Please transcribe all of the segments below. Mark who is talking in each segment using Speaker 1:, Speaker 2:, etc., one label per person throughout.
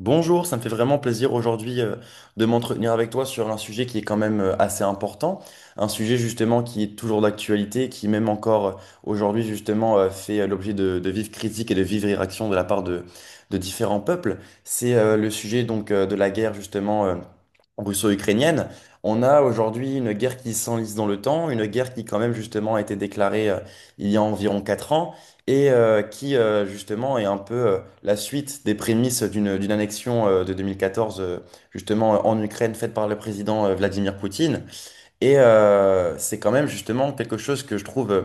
Speaker 1: Bonjour, ça me fait vraiment plaisir aujourd'hui de m'entretenir avec toi sur un sujet qui est quand même assez important, un sujet justement qui est toujours d'actualité, qui même encore aujourd'hui justement fait l'objet de vives critiques et de vives réactions de la part de différents peuples. C'est le sujet donc de la guerre justement russo-ukrainienne. On a aujourd'hui une guerre qui s'enlise dans le temps, une guerre qui quand même justement a été déclarée il y a environ 4 ans et qui justement est un peu la suite des prémices d'une annexion de 2014 justement en Ukraine faite par le président Vladimir Poutine. Et c'est quand même justement quelque chose que je trouve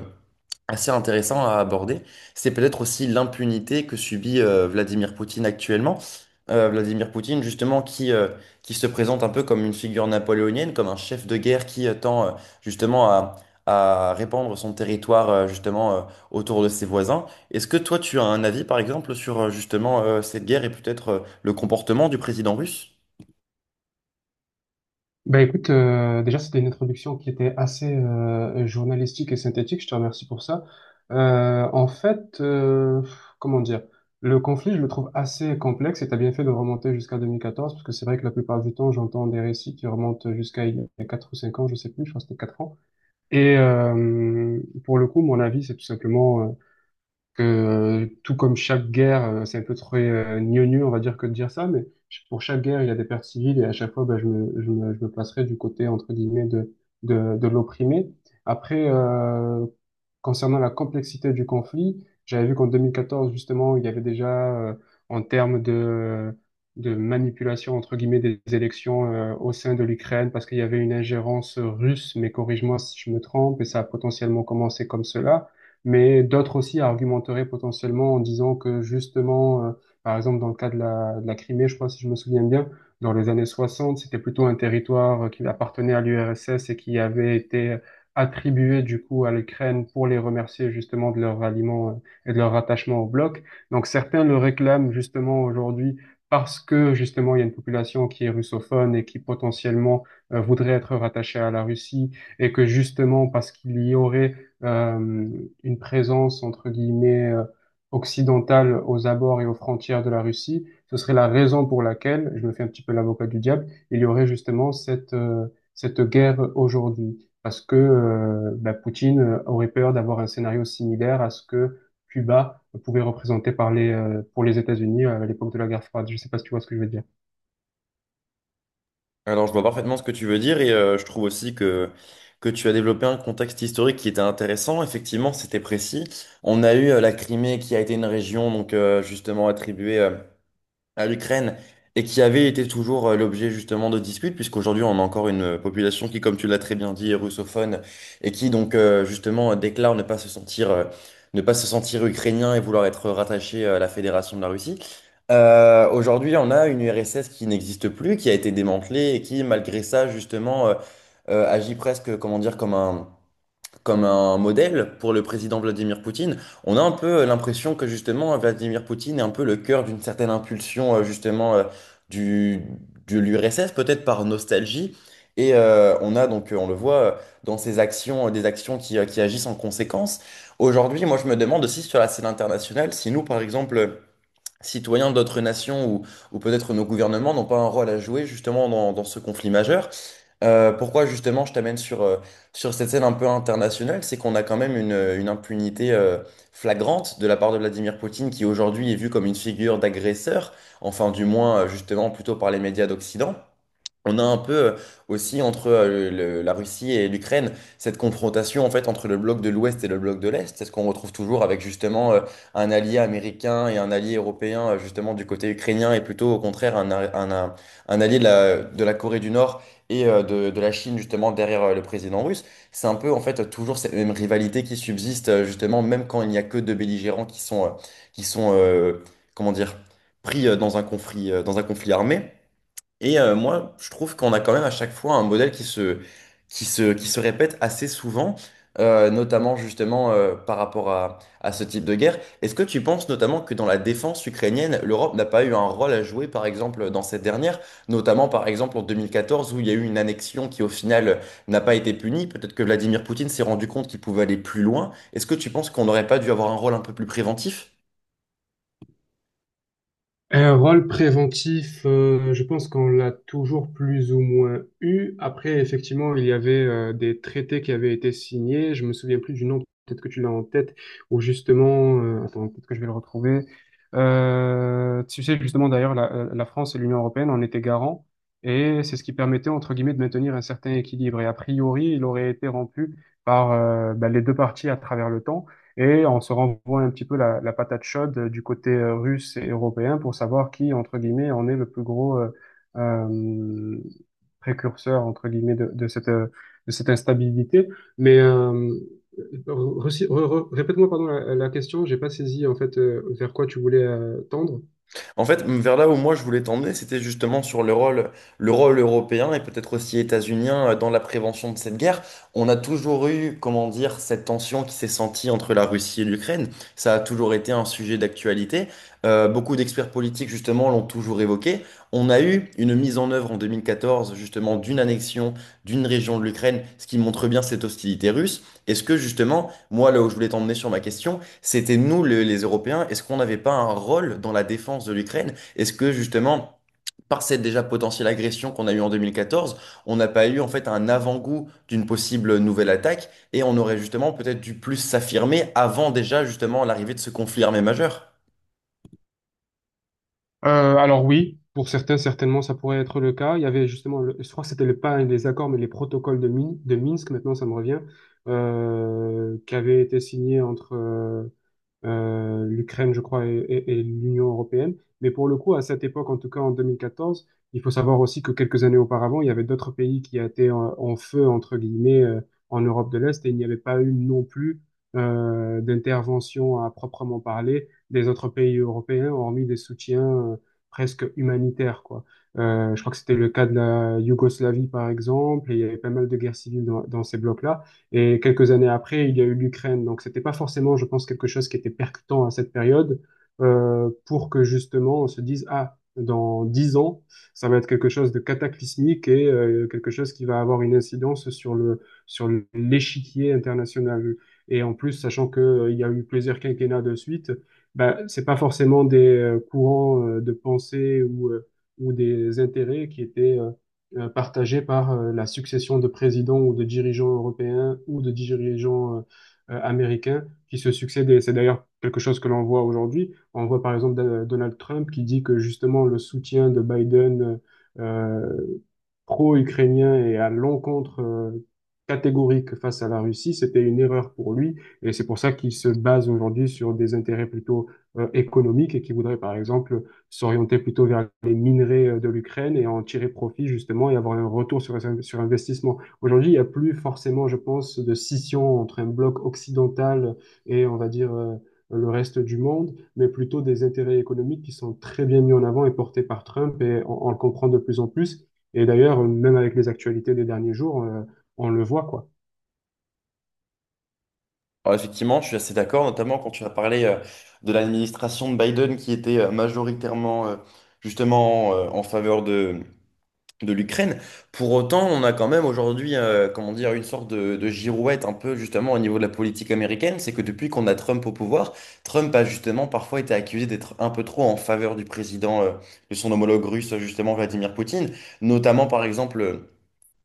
Speaker 1: assez intéressant à aborder, c'est peut-être aussi l'impunité que subit Vladimir Poutine actuellement. Vladimir Poutine, justement, qui se présente un peu comme une figure napoléonienne, comme un chef de guerre qui tend justement à répandre son territoire justement autour de ses voisins. Est-ce que toi, tu as un avis, par exemple, sur justement cette guerre et peut-être le comportement du président russe?
Speaker 2: Déjà c'était une introduction qui était assez journalistique et synthétique, je te remercie pour ça. En fait, comment dire, le conflit je le trouve assez complexe et t'as bien fait de remonter jusqu'à 2014 parce que c'est vrai que la plupart du temps j'entends des récits qui remontent jusqu'à il y a 4 ou 5 ans, je sais plus, je crois que c'était 4 ans. Et euh, mon avis c'est tout simplement que tout comme chaque guerre, c'est un peu très gnognou, on va dire, que de dire ça, mais pour chaque guerre, il y a des pertes civiles et à chaque fois, ben, je me placerai du côté, entre guillemets, de l'opprimé. Après, euh, Concernant la complexité du conflit, j'avais vu qu'en 2014, justement, il y avait déjà, en termes de manipulation, entre guillemets, des élections, au sein de l'Ukraine, parce qu'il y avait une ingérence russe, mais corrige-moi si je me trompe, et ça a potentiellement commencé comme cela. Mais d'autres aussi argumenteraient potentiellement en disant que, par exemple, dans le cas de de la Crimée, je crois, si je me souviens bien, dans les années 60, c'était plutôt un territoire qui appartenait à l'URSS et qui avait été attribuées du coup à l'Ukraine pour les remercier justement de leur ralliement et de leur rattachement au bloc. Donc certains le réclament justement aujourd'hui parce que justement il y a une population qui est russophone et qui potentiellement voudrait être rattachée à la Russie et que justement parce qu'il y aurait euh, une présence entre guillemets occidentale aux abords et aux frontières de la Russie, ce serait la raison pour laquelle, je me fais un petit peu l'avocat du diable, il y aurait justement cette guerre aujourd'hui parce que Poutine aurait peur d'avoir un scénario similaire à ce que Cuba pouvait représenter par pour les États-Unis à l'époque de la guerre froide. Je sais pas si tu vois ce que je veux dire.
Speaker 1: Alors, je vois parfaitement ce que tu veux dire et je trouve aussi que tu as développé un contexte historique qui était intéressant. Effectivement, c'était précis. On a eu la Crimée qui a été une région donc justement attribuée à l'Ukraine et qui avait été toujours l'objet justement de disputes, puisqu'aujourd'hui on a encore une population qui, comme tu l'as très bien dit, est russophone et qui donc justement déclare ne pas se sentir, ne pas se sentir ukrainien et vouloir être rattaché à la Fédération de la Russie. Aujourd'hui, on a une URSS qui n'existe plus, qui a été démantelée et qui, malgré ça, justement, agit presque, comment dire, comme un modèle pour le président Vladimir Poutine, on a un peu l'impression que justement Vladimir Poutine est un peu le cœur d'une certaine impulsion justement du, de l'URSS, peut-être par nostalgie. Et on a donc, on le voit dans ses actions, des actions qui agissent en conséquence. Aujourd'hui, moi je me demande aussi sur la scène internationale, si nous par exemple citoyens d'autres nations ou peut-être nos gouvernements n'ont pas un rôle à jouer justement dans ce conflit majeur. Pourquoi justement je t'amène sur cette scène un peu internationale, c'est qu'on a quand même une impunité flagrante de la part de Vladimir Poutine qui aujourd'hui est vu comme une figure d'agresseur, enfin du moins justement plutôt par les médias d'Occident. On a un peu aussi entre la Russie et l'Ukraine cette confrontation en fait entre le bloc de l'Ouest et le bloc de l'Est. C'est ce qu'on retrouve toujours avec justement un allié américain et un allié européen justement du côté ukrainien et plutôt au contraire un, a- un, un allié de la Corée du Nord et de la Chine justement derrière le président russe. C'est un peu en fait toujours cette même rivalité qui subsiste justement même quand il n'y a que deux belligérants, qui sont comment dire, pris dans un conflit armé. Et moi, je trouve qu'on a quand même à chaque fois un modèle qui se répète assez souvent, notamment justement par rapport à ce type de guerre. Est-ce que tu penses notamment que dans la défense ukrainienne, l'Europe n'a pas eu un rôle à jouer, par exemple, dans cette dernière, notamment par exemple en 2014 où il y a eu une annexion qui au final n'a pas été punie? Peut-être que Vladimir Poutine s'est rendu compte qu'il pouvait aller plus loin. Est-ce que tu penses qu'on n'aurait pas dû avoir un rôle un peu plus préventif?
Speaker 2: Un rôle préventif, je pense qu'on l'a toujours plus ou moins eu. Après, effectivement, il y avait des traités qui avaient été signés. Je me souviens plus du nom, peut-être que tu l'as en tête, ou attends, peut-être que je vais le retrouver. Tu sais, justement, d'ailleurs, la France et l'Union européenne en étaient garants, et c'est ce qui permettait, entre guillemets, de maintenir un certain équilibre. Et a priori, il aurait été rompu par les deux parties à travers le temps. Et on se renvoie un petit peu la patate chaude du côté russe et européen pour savoir qui, entre guillemets, en est le plus gros euh, précurseur, entre guillemets, de cette de cette instabilité. Mais euh, répète-moi, pardon, la question, j'ai pas saisi en fait vers quoi tu voulais tendre.
Speaker 1: En fait, vers là où moi je voulais t'emmener, c'était justement sur le rôle européen et peut-être aussi états-unien dans la prévention de cette guerre. On a toujours eu, comment dire, cette tension qui s'est sentie entre la Russie et l'Ukraine. Ça a toujours été un sujet d'actualité. Beaucoup d'experts politiques, justement, l'ont toujours évoqué. On a eu une mise en œuvre en 2014, justement, d'une annexion d'une région de l'Ukraine, ce qui montre bien cette hostilité russe. Est-ce que, justement, moi, là où je voulais t'emmener sur ma question, c'était nous, les Européens, est-ce qu'on n'avait pas un rôle dans la défense de l'Ukraine? Est-ce que justement, par cette déjà potentielle agression qu'on a eue en 2014, on n'a pas eu en fait un avant-goût d'une possible nouvelle attaque et on aurait justement peut-être dû plus s'affirmer avant déjà justement l'arrivée de ce conflit armé majeur?
Speaker 2: Alors oui, pour certains, certainement, ça pourrait être le cas. Il y avait justement, je crois que c'était le, pas les accords, mais les protocoles de Minsk, maintenant ça me revient, qui avaient été signés entre l'Ukraine, je crois, et l'Union européenne. Mais pour le coup, à cette époque, en tout cas en 2014, il faut savoir aussi que quelques années auparavant, il y avait d'autres pays qui étaient en feu, entre guillemets, en Europe de l'Est, et il n'y avait pas eu non plus d'intervention à proprement parler des autres pays européens, hormis des soutiens euh, presque humanitaires, quoi. Je crois que c'était le cas de la Yougoslavie, par exemple, et il y avait pas mal de guerres civiles dans, dans ces blocs-là. Et quelques années après, il y a eu l'Ukraine. Donc, c'était pas forcément, je pense, quelque chose qui était percutant à cette période, pour que justement on se dise, ah, dans 10 ans, ça va être quelque chose de cataclysmique et quelque chose qui va avoir une incidence sur le sur l'échiquier international. Et en plus, sachant que il y a eu plusieurs quinquennats de suite, bah, c'est pas forcément des courants de pensée ou des intérêts qui étaient partagée par la succession de présidents ou de dirigeants européens ou de dirigeants américains qui se succèdent. Et c'est d'ailleurs quelque chose que l'on voit aujourd'hui. On voit par exemple Donald Trump qui dit que justement le soutien de Biden euh, pro-ukrainien et à l'encontre catégorique face à la Russie, c'était une erreur pour lui. Et c'est pour ça qu'il se base aujourd'hui sur des intérêts plutôt économiques et qu'il voudrait, par exemple, s'orienter plutôt vers les minerais de l'Ukraine et en tirer profit, justement, et avoir un retour sur investissement. Aujourd'hui, il n'y a plus forcément, je pense, de scission entre un bloc occidental et, on va dire, le reste du monde, mais plutôt des intérêts économiques qui sont très bien mis en avant et portés par Trump, et on le comprend de plus en plus. Et d'ailleurs, même avec les actualités des derniers jours, on le voit, quoi.
Speaker 1: Alors effectivement, je suis assez d'accord, notamment quand tu as parlé de l'administration de Biden qui était majoritairement justement en faveur de l'Ukraine. Pour autant, on a quand même aujourd'hui, comment dire, une sorte de girouette un peu justement au niveau de la politique américaine. C'est que depuis qu'on a Trump au pouvoir, Trump a justement parfois été accusé d'être un peu trop en faveur du président, de son homologue russe, justement Vladimir Poutine. Notamment, par exemple,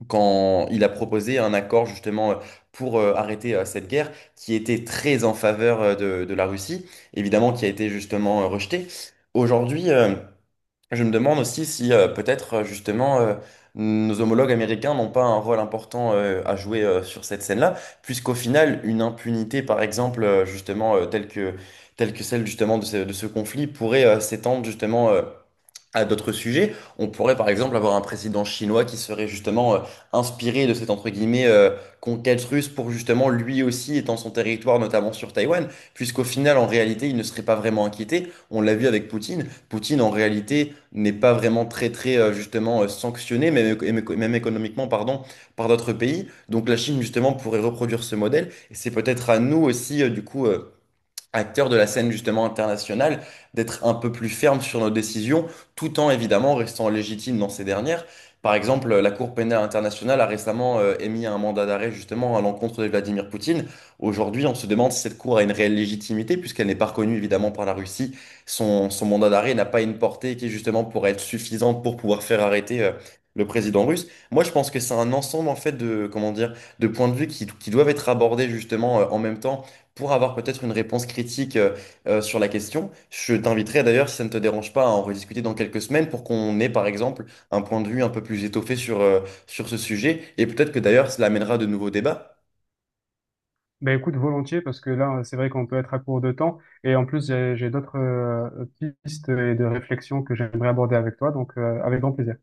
Speaker 1: quand il a proposé un accord justement pour arrêter cette guerre qui était très en faveur de la Russie, évidemment qui a été justement rejeté. Aujourd'hui, je me demande aussi si peut-être justement nos homologues américains n'ont pas un rôle important à jouer sur cette scène-là, puisqu'au final, une impunité, par exemple, justement, telle que celle justement de ce conflit, pourrait s'étendre justement, à d'autres sujets. On pourrait par exemple avoir un président chinois qui serait justement inspiré de cette entre guillemets conquête russe pour justement lui aussi étendre son territoire, notamment sur Taïwan, puisqu'au final en réalité il ne serait pas vraiment inquiété. On l'a vu avec Poutine. Poutine en réalité n'est pas vraiment très très justement sanctionné, même, même économiquement pardon, par d'autres pays. Donc la Chine justement pourrait reproduire ce modèle et c'est peut-être à nous aussi du coup, acteurs de la scène justement internationale, d'être un peu plus ferme sur nos décisions, tout en évidemment restant légitime dans ces dernières. Par exemple, la Cour pénale internationale a récemment émis un mandat d'arrêt justement à l'encontre de Vladimir Poutine. Aujourd'hui, on se demande si cette Cour a une réelle légitimité, puisqu'elle n'est pas reconnue évidemment par la Russie. Son mandat d'arrêt n'a pas une portée qui justement pourrait être suffisante pour pouvoir faire arrêter le président russe. Moi, je pense que c'est un ensemble en fait de, comment dire, de points de vue qui doivent être abordés justement en même temps pour avoir peut-être une réponse critique sur la question. Je t'inviterai d'ailleurs, si ça ne te dérange pas, à en rediscuter dans quelques semaines pour qu'on ait par exemple un point de vue un peu plus étoffé sur ce sujet. Et peut-être que d'ailleurs, cela amènera de nouveaux débats.
Speaker 2: Ben écoute, volontiers, parce que là, c'est vrai qu'on peut être à court de temps. Et en plus, j'ai d'autres pistes et de réflexions que j'aimerais aborder avec toi, donc avec grand plaisir.